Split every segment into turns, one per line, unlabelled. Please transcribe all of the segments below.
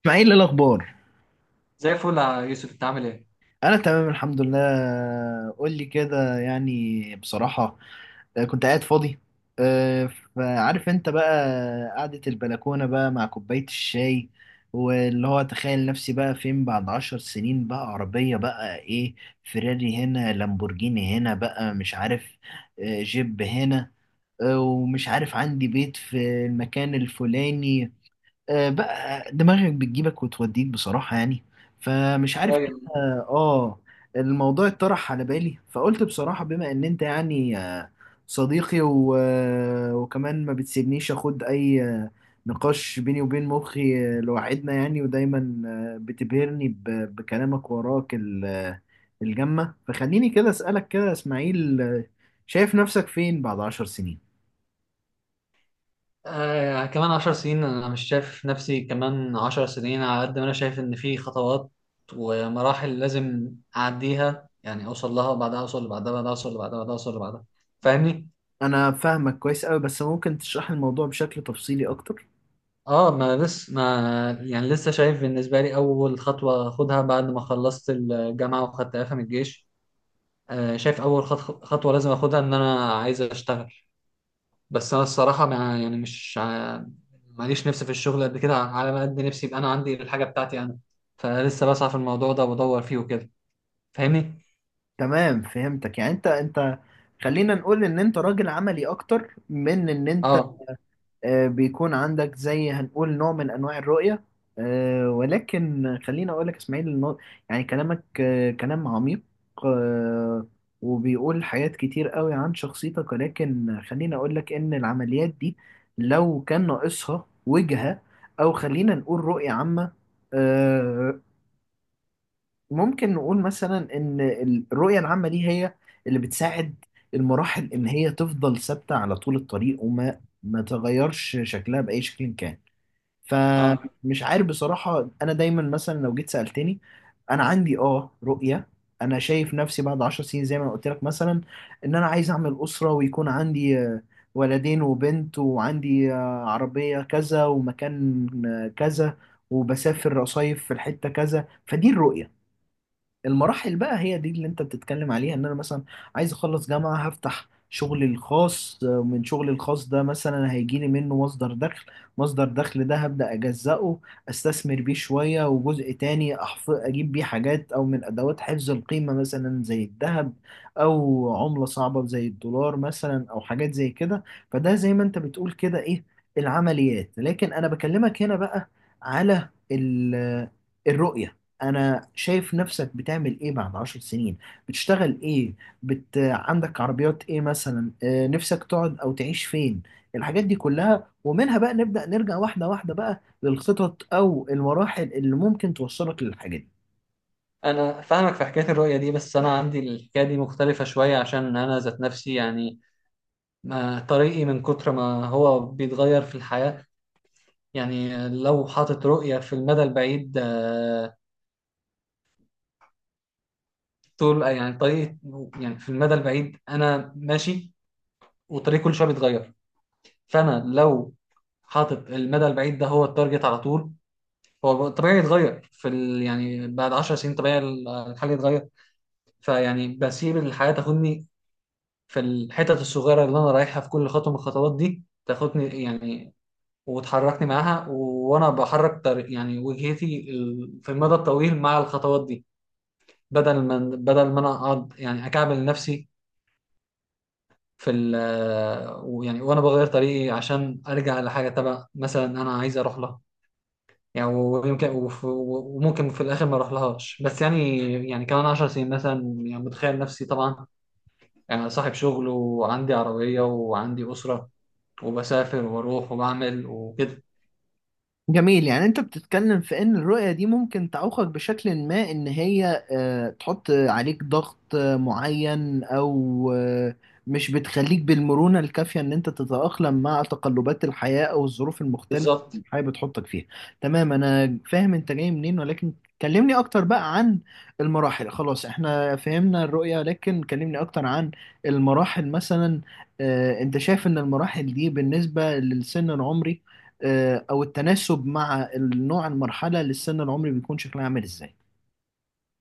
اسماعيل، ايه الاخبار؟
زي الفل يا يوسف، انت عامل ايه؟
انا تمام الحمد لله. قول لي كده يعني بصراحه. كنت قاعد فاضي. أه، فعارف انت بقى. قعده البلكونه بقى مع كوبايه الشاي، واللي هو تخيل نفسي بقى فين بعد 10 سنين، بقى عربيه بقى ايه؟ فيراري هنا، لامبورجيني هنا، بقى مش عارف. جيب هنا. ومش عارف عندي بيت في المكان الفلاني. بقى دماغك بتجيبك وتوديك بصراحة يعني. فمش عارف
شوية.
كده. اه الموضوع اتطرح على بالي، فقلت بصراحة بما ان انت يعني صديقي و... آه، وكمان ما بتسيبنيش اخد اي نقاش بيني وبين مخي لوحدنا يعني، ودايما بتبهرني بكلامك، وراك ال... آه، الجمة. فخليني كده اسألك كده يا اسماعيل، شايف نفسك فين بعد 10 سنين؟
كمان عشر سنين، انا مش شايف نفسي كمان عشر سنين، على قد ما انا شايف ان في خطوات ومراحل لازم اعديها، يعني اوصل لها وبعدها اوصل لبعدها، بعدها اوصل لبعدها، بعدها اوصل لبعدها. فاهمني؟
انا فاهمك كويس قوي، بس ممكن تشرح لي الموضوع بشكل تفصيلي اكتر؟
اه ما لسه ما يعني لسه شايف بالنسبة لي اول خطوة اخدها بعد ما خلصت الجامعة واخدت اعفاء من الجيش. آه، شايف اول خطوة لازم اخدها ان انا عايز اشتغل. بس انا الصراحه، ما يعني، مش ماليش نفسي في الشغل قد كده، على ما قد نفسي يبقى انا عندي الحاجه بتاعتي انا. فلسه بسعى في الموضوع ده وبدور فيه وكده. فاهمني؟
تمام، فهمتك. يعني انت خلينا نقول ان انت راجل عملي اكتر من ان انت
اه.
بيكون عندك زي هنقول نوع من انواع الرؤية. ولكن خلينا اقول لك اسماعيل، إنه يعني كلامك كلام عميق، آه، وبيقول حاجات كتير قوي عن شخصيتك. ولكن خلينا اقول لك ان العمليات دي لو كان ناقصها وجهة، او خلينا نقول رؤية عامة، آه، ممكن نقول مثلا ان الرؤية العامة دي هي اللي بتساعد المراحل ان هي تفضل ثابتة على طول الطريق، وما ما تغيرش شكلها بأي شكل كان.
اه،
فمش عارف بصراحة، انا دايما مثلا لو جيت سألتني، انا عندي رؤية. انا شايف نفسي بعد 10 سنين زي ما قلت لك، مثلا ان انا عايز اعمل أسرة، ويكون عندي ولدين وبنت، وعندي عربية كذا، ومكان كذا، وبسافر أصيف في الحتة كذا. فدي الرؤية. المراحل بقى هي دي اللي انت بتتكلم عليها، ان انا مثلا عايز اخلص جامعة، هفتح شغلي الخاص، من شغلي الخاص ده مثلا هيجيلي منه مصدر دخل. مصدر دخل ده هبدأ أجزأه، استثمر بيه شوية، وجزء تاني اجيب بيه حاجات او من ادوات حفظ القيمة مثلا زي الذهب، او عملة صعبة زي الدولار مثلا، او حاجات زي كده. فده زي ما انت بتقول كده ايه، العمليات. لكن انا بكلمك هنا بقى على الرؤية. انا شايف نفسك بتعمل ايه بعد 10 سنين؟ بتشتغل ايه؟ عندك عربيات ايه مثلا، نفسك تقعد او تعيش فين؟ الحاجات دي كلها، ومنها بقى نبدأ نرجع واحدة واحدة بقى للخطط او المراحل اللي ممكن توصلك للحاجات دي.
انا فاهمك في حكايه الرؤيه دي، بس انا عندي الحكايه دي مختلفه شويه، عشان انا ذات نفسي يعني، ما طريقي من كتر ما هو بيتغير في الحياه. يعني لو حاطط رؤيه في المدى البعيد، طول يعني طريقي، يعني في المدى البعيد انا ماشي وطريقي كل شويه بيتغير. فانا لو حاطط المدى البعيد ده هو التارجت على طول، هو طبيعي يتغير في يعني بعد 10 سنين طبيعي الحل يتغير. فيعني بسيب الحياة تاخدني في الحتت الصغيرة اللي أنا رايحها، في كل خطوة من الخطوات دي تاخدني يعني، وتحركني معاها وأنا بحرك طريق، يعني وجهتي في المدى الطويل مع الخطوات دي، بدل ما أنا أقعد يعني أكعبل نفسي في ويعني وأنا بغير طريقي عشان أرجع لحاجة تبع مثلا أنا عايز أروح لها. يعني ويمكن وممكن في الاخر ما اروح لهاش، بس يعني، يعني كمان 10 سنين مثلا، يعني متخيل نفسي طبعا يعني صاحب شغل وعندي عربية وعندي أسرة، وبسافر وبروح وبعمل وكده.
جميل. يعني انت بتتكلم في ان الرؤية دي ممكن تعوقك بشكل ما، ان هي تحط عليك ضغط معين، او مش بتخليك بالمرونة الكافية ان انت تتأقلم مع تقلبات الحياة او الظروف المختلفة
بالظبط.
اللي الحياة بتحطك فيها. تمام، انا فاهم انت جاي منين. ولكن كلمني اكتر بقى عن المراحل. خلاص احنا فهمنا الرؤية، لكن كلمني اكتر عن المراحل مثلا. انت شايف ان المراحل دي بالنسبة للسن العمري، او التناسب مع النوع، المرحله للسن العمري بيكون شكلها عامل ازاي؟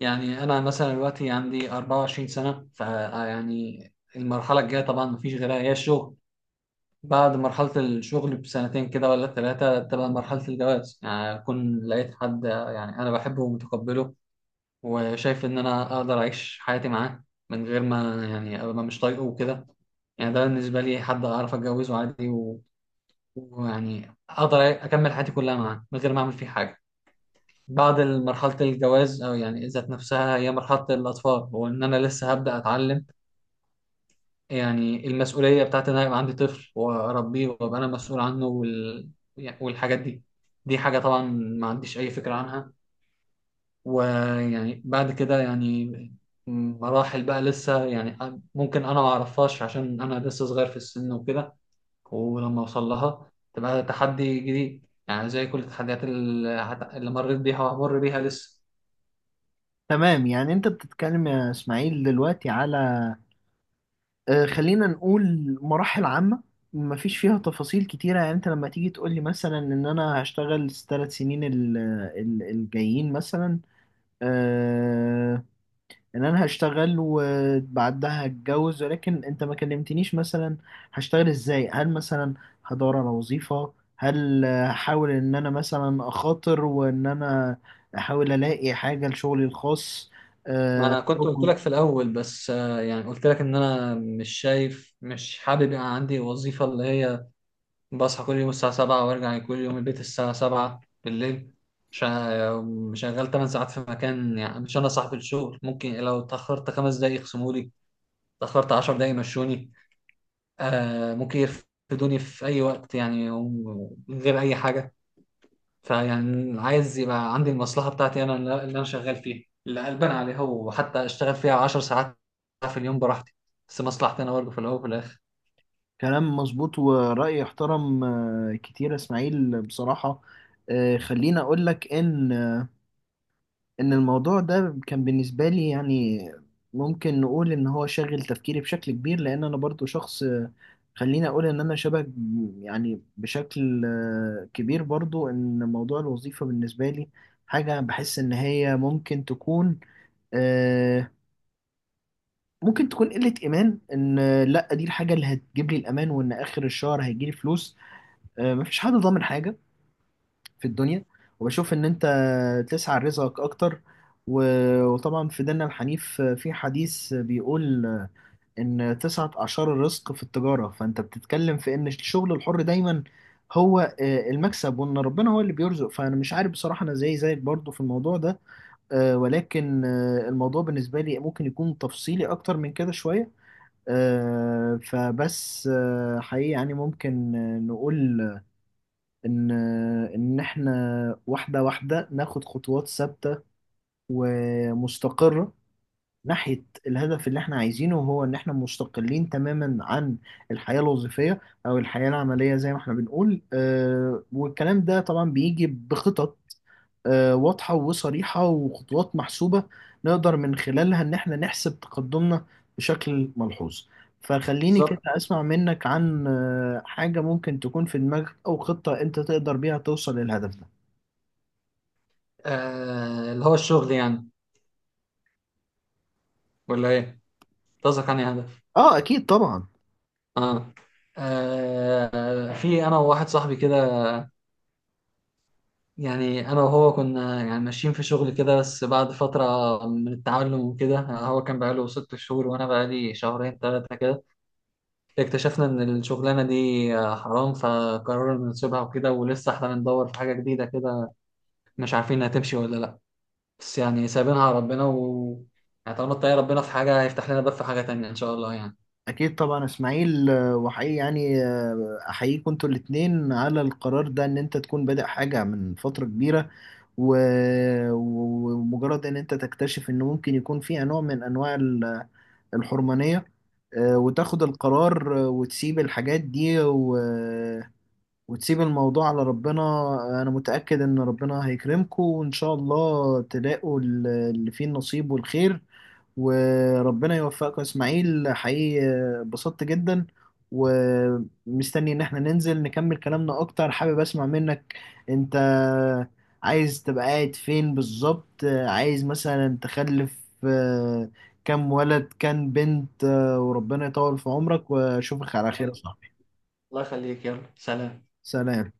يعني أنا مثلا دلوقتي عندي 24 سنة، فيعني المرحلة الجاية طبعا مفيش غيرها هي الشغل. بعد مرحلة الشغل بسنتين كده ولا ثلاثة تبقى مرحلة الجواز، يعني أكون لقيت حد يعني أنا بحبه ومتقبله، وشايف ان انا اقدر اعيش حياتي معاه من غير ما يعني ابقى مش طايقه وكده. يعني ده بالنسبه لي حد اعرف اتجوزه عادي ويعني اقدر اكمل حياتي كلها معاه من غير ما اعمل فيه حاجه. بعد مرحله الجواز، او يعني ذات نفسها هي مرحله الاطفال، وان انا لسه هبدا اتعلم يعني المسؤوليه بتاعت ان انا يبقى عندي طفل واربيه وابقى انا مسؤول عنه يعني والحاجات دي، دي حاجه طبعا ما عنديش اي فكره عنها. ويعني بعد كده يعني مراحل بقى لسه، يعني ممكن انا ما اعرفهاش عشان انا لسه صغير في السن وكده، ولما اوصل لها تبقى تحدي جديد، يعني زي كل التحديات اللي اللي مريت بيها وهمر بيها لسه.
تمام. يعني انت بتتكلم يا اسماعيل دلوقتي على خلينا نقول مراحل عامه، مفيش فيها تفاصيل كتيره. يعني انت لما تيجي تقول لي مثلا ان انا هشتغل ال3 سنين الجايين مثلا، آه، ان انا هشتغل وبعدها هتجوز، ولكن انت ما كلمتنيش مثلا هشتغل ازاي. هل مثلا هدور على وظيفة؟ هل هحاول ان انا مثلا اخاطر وان انا احاول الاقي حاجة لشغلي الخاص؟
ما
آه،
انا كنت قلت لك في الاول، بس آه، يعني قلت لك ان انا مش شايف، مش حابب يبقى عندي وظيفة اللي هي بصحى كل يوم الساعة سبعة وارجع كل يوم البيت الساعة سبعة بالليل، شغال تمن ساعات في مكان، يعني مش أنا صاحب الشغل، ممكن لو اتأخرت خمس دقايق يخصمولي، اتأخرت عشر دقايق يمشوني. آه، ممكن يرفدوني في أي وقت، يعني ومن غير أي حاجة. فيعني عايز يبقى عندي المصلحة بتاعتي أنا، اللي أنا شغال فيها، اللي قلبان عليها، وحتى أشتغل فيها عشر ساعات في اليوم براحتي، بس مصلحتي أنا برضه في الأول وفي الآخر.
كلام مظبوط ورأي يحترم كتير يا اسماعيل بصراحة. خليني اقول لك ان الموضوع ده كان بالنسبة لي، يعني ممكن نقول ان هو شاغل تفكيري بشكل كبير، لان انا برضو شخص، خليني اقول ان انا شبه، يعني بشكل كبير برضو ان موضوع الوظيفة بالنسبة لي حاجة بحس ان هي آه، ممكن تكون قلة ايمان، ان لا دي الحاجة اللي هتجيب لي الامان، وان اخر الشهر هيجي لي فلوس. مفيش حد ضامن حاجة في الدنيا. وبشوف ان انت تسعى لرزقك اكتر، وطبعا في ديننا الحنيف في حديث بيقول ان تسعة اعشار الرزق في التجارة. فانت بتتكلم في ان الشغل الحر دايما هو المكسب، وان ربنا هو اللي بيرزق. فانا مش عارف بصراحة، انا زي زيك برضو في الموضوع ده، ولكن الموضوع بالنسبة لي ممكن يكون تفصيلي اكتر من كده شوية. آه، فبس آه، حقيقي يعني ممكن نقول ان ان احنا واحده واحده ناخد خطوات ثابته ومستقره ناحية الهدف اللي احنا عايزينه، هو ان احنا مستقلين تماما عن الحياة الوظيفية او الحياة العملية، زي ما احنا بنقول. والكلام ده طبعا بيجي بخطط واضحة وصريحة، وخطوات محسوبة نقدر من خلالها ان احنا نحسب تقدمنا بشكل ملحوظ. فخليني كده
بالظبط.
اسمع منك عن حاجة ممكن تكون في دماغك، او خطة انت تقدر بيها توصل للهدف ده.
آه، اللي هو الشغل يعني، ولا إيه؟ قصدك عن هدف.
اه، اكيد طبعا.
اه. آه، في انا وواحد صاحبي كده، يعني انا وهو كنا يعني ماشيين في شغل كده، بس بعد فتره من التعلم وكده، هو كان بقاله ست شهور وانا بقالي شهرين ثلاثه كده، اكتشفنا ان الشغلانه دي آه، حرام، فقررنا نسيبها وكده. ولسه احنا بندور في حاجه جديده كده، مش عارفين هتمشي ولا لا، بس يعني سايبينها على ربنا، و يعني طالما اتقي ربنا في حاجه هيفتح لنا باب في حاجه تانية ان شاء الله يعني.
أكيد طبعا إسماعيل، وحقيقي يعني أحييكم أنتوا الاتنين على القرار ده، إن أنت تكون بادئ حاجة من فترة كبيرة، ومجرد إن أنت تكتشف إن ممكن يكون فيها نوع من أنواع الحرمانية، وتاخد القرار، وتسيب الحاجات دي، وتسيب الموضوع على ربنا. أنا متأكد إن ربنا هيكرمكم، وإن شاء الله تلاقوا اللي فيه النصيب والخير. وربنا يوفقك يا اسماعيل، حقيقي اتبسطت جدا. ومستني ان احنا ننزل نكمل كلامنا اكتر. حابب اسمع منك انت، عايز تبقى قاعد فين بالظبط؟ عايز مثلا تخلف آه، كام ولد كام بنت؟ وربنا يطول في عمرك واشوفك على خير يا
تمام.
صاحبي.
الله يخليك، يلا سلام.
سلام.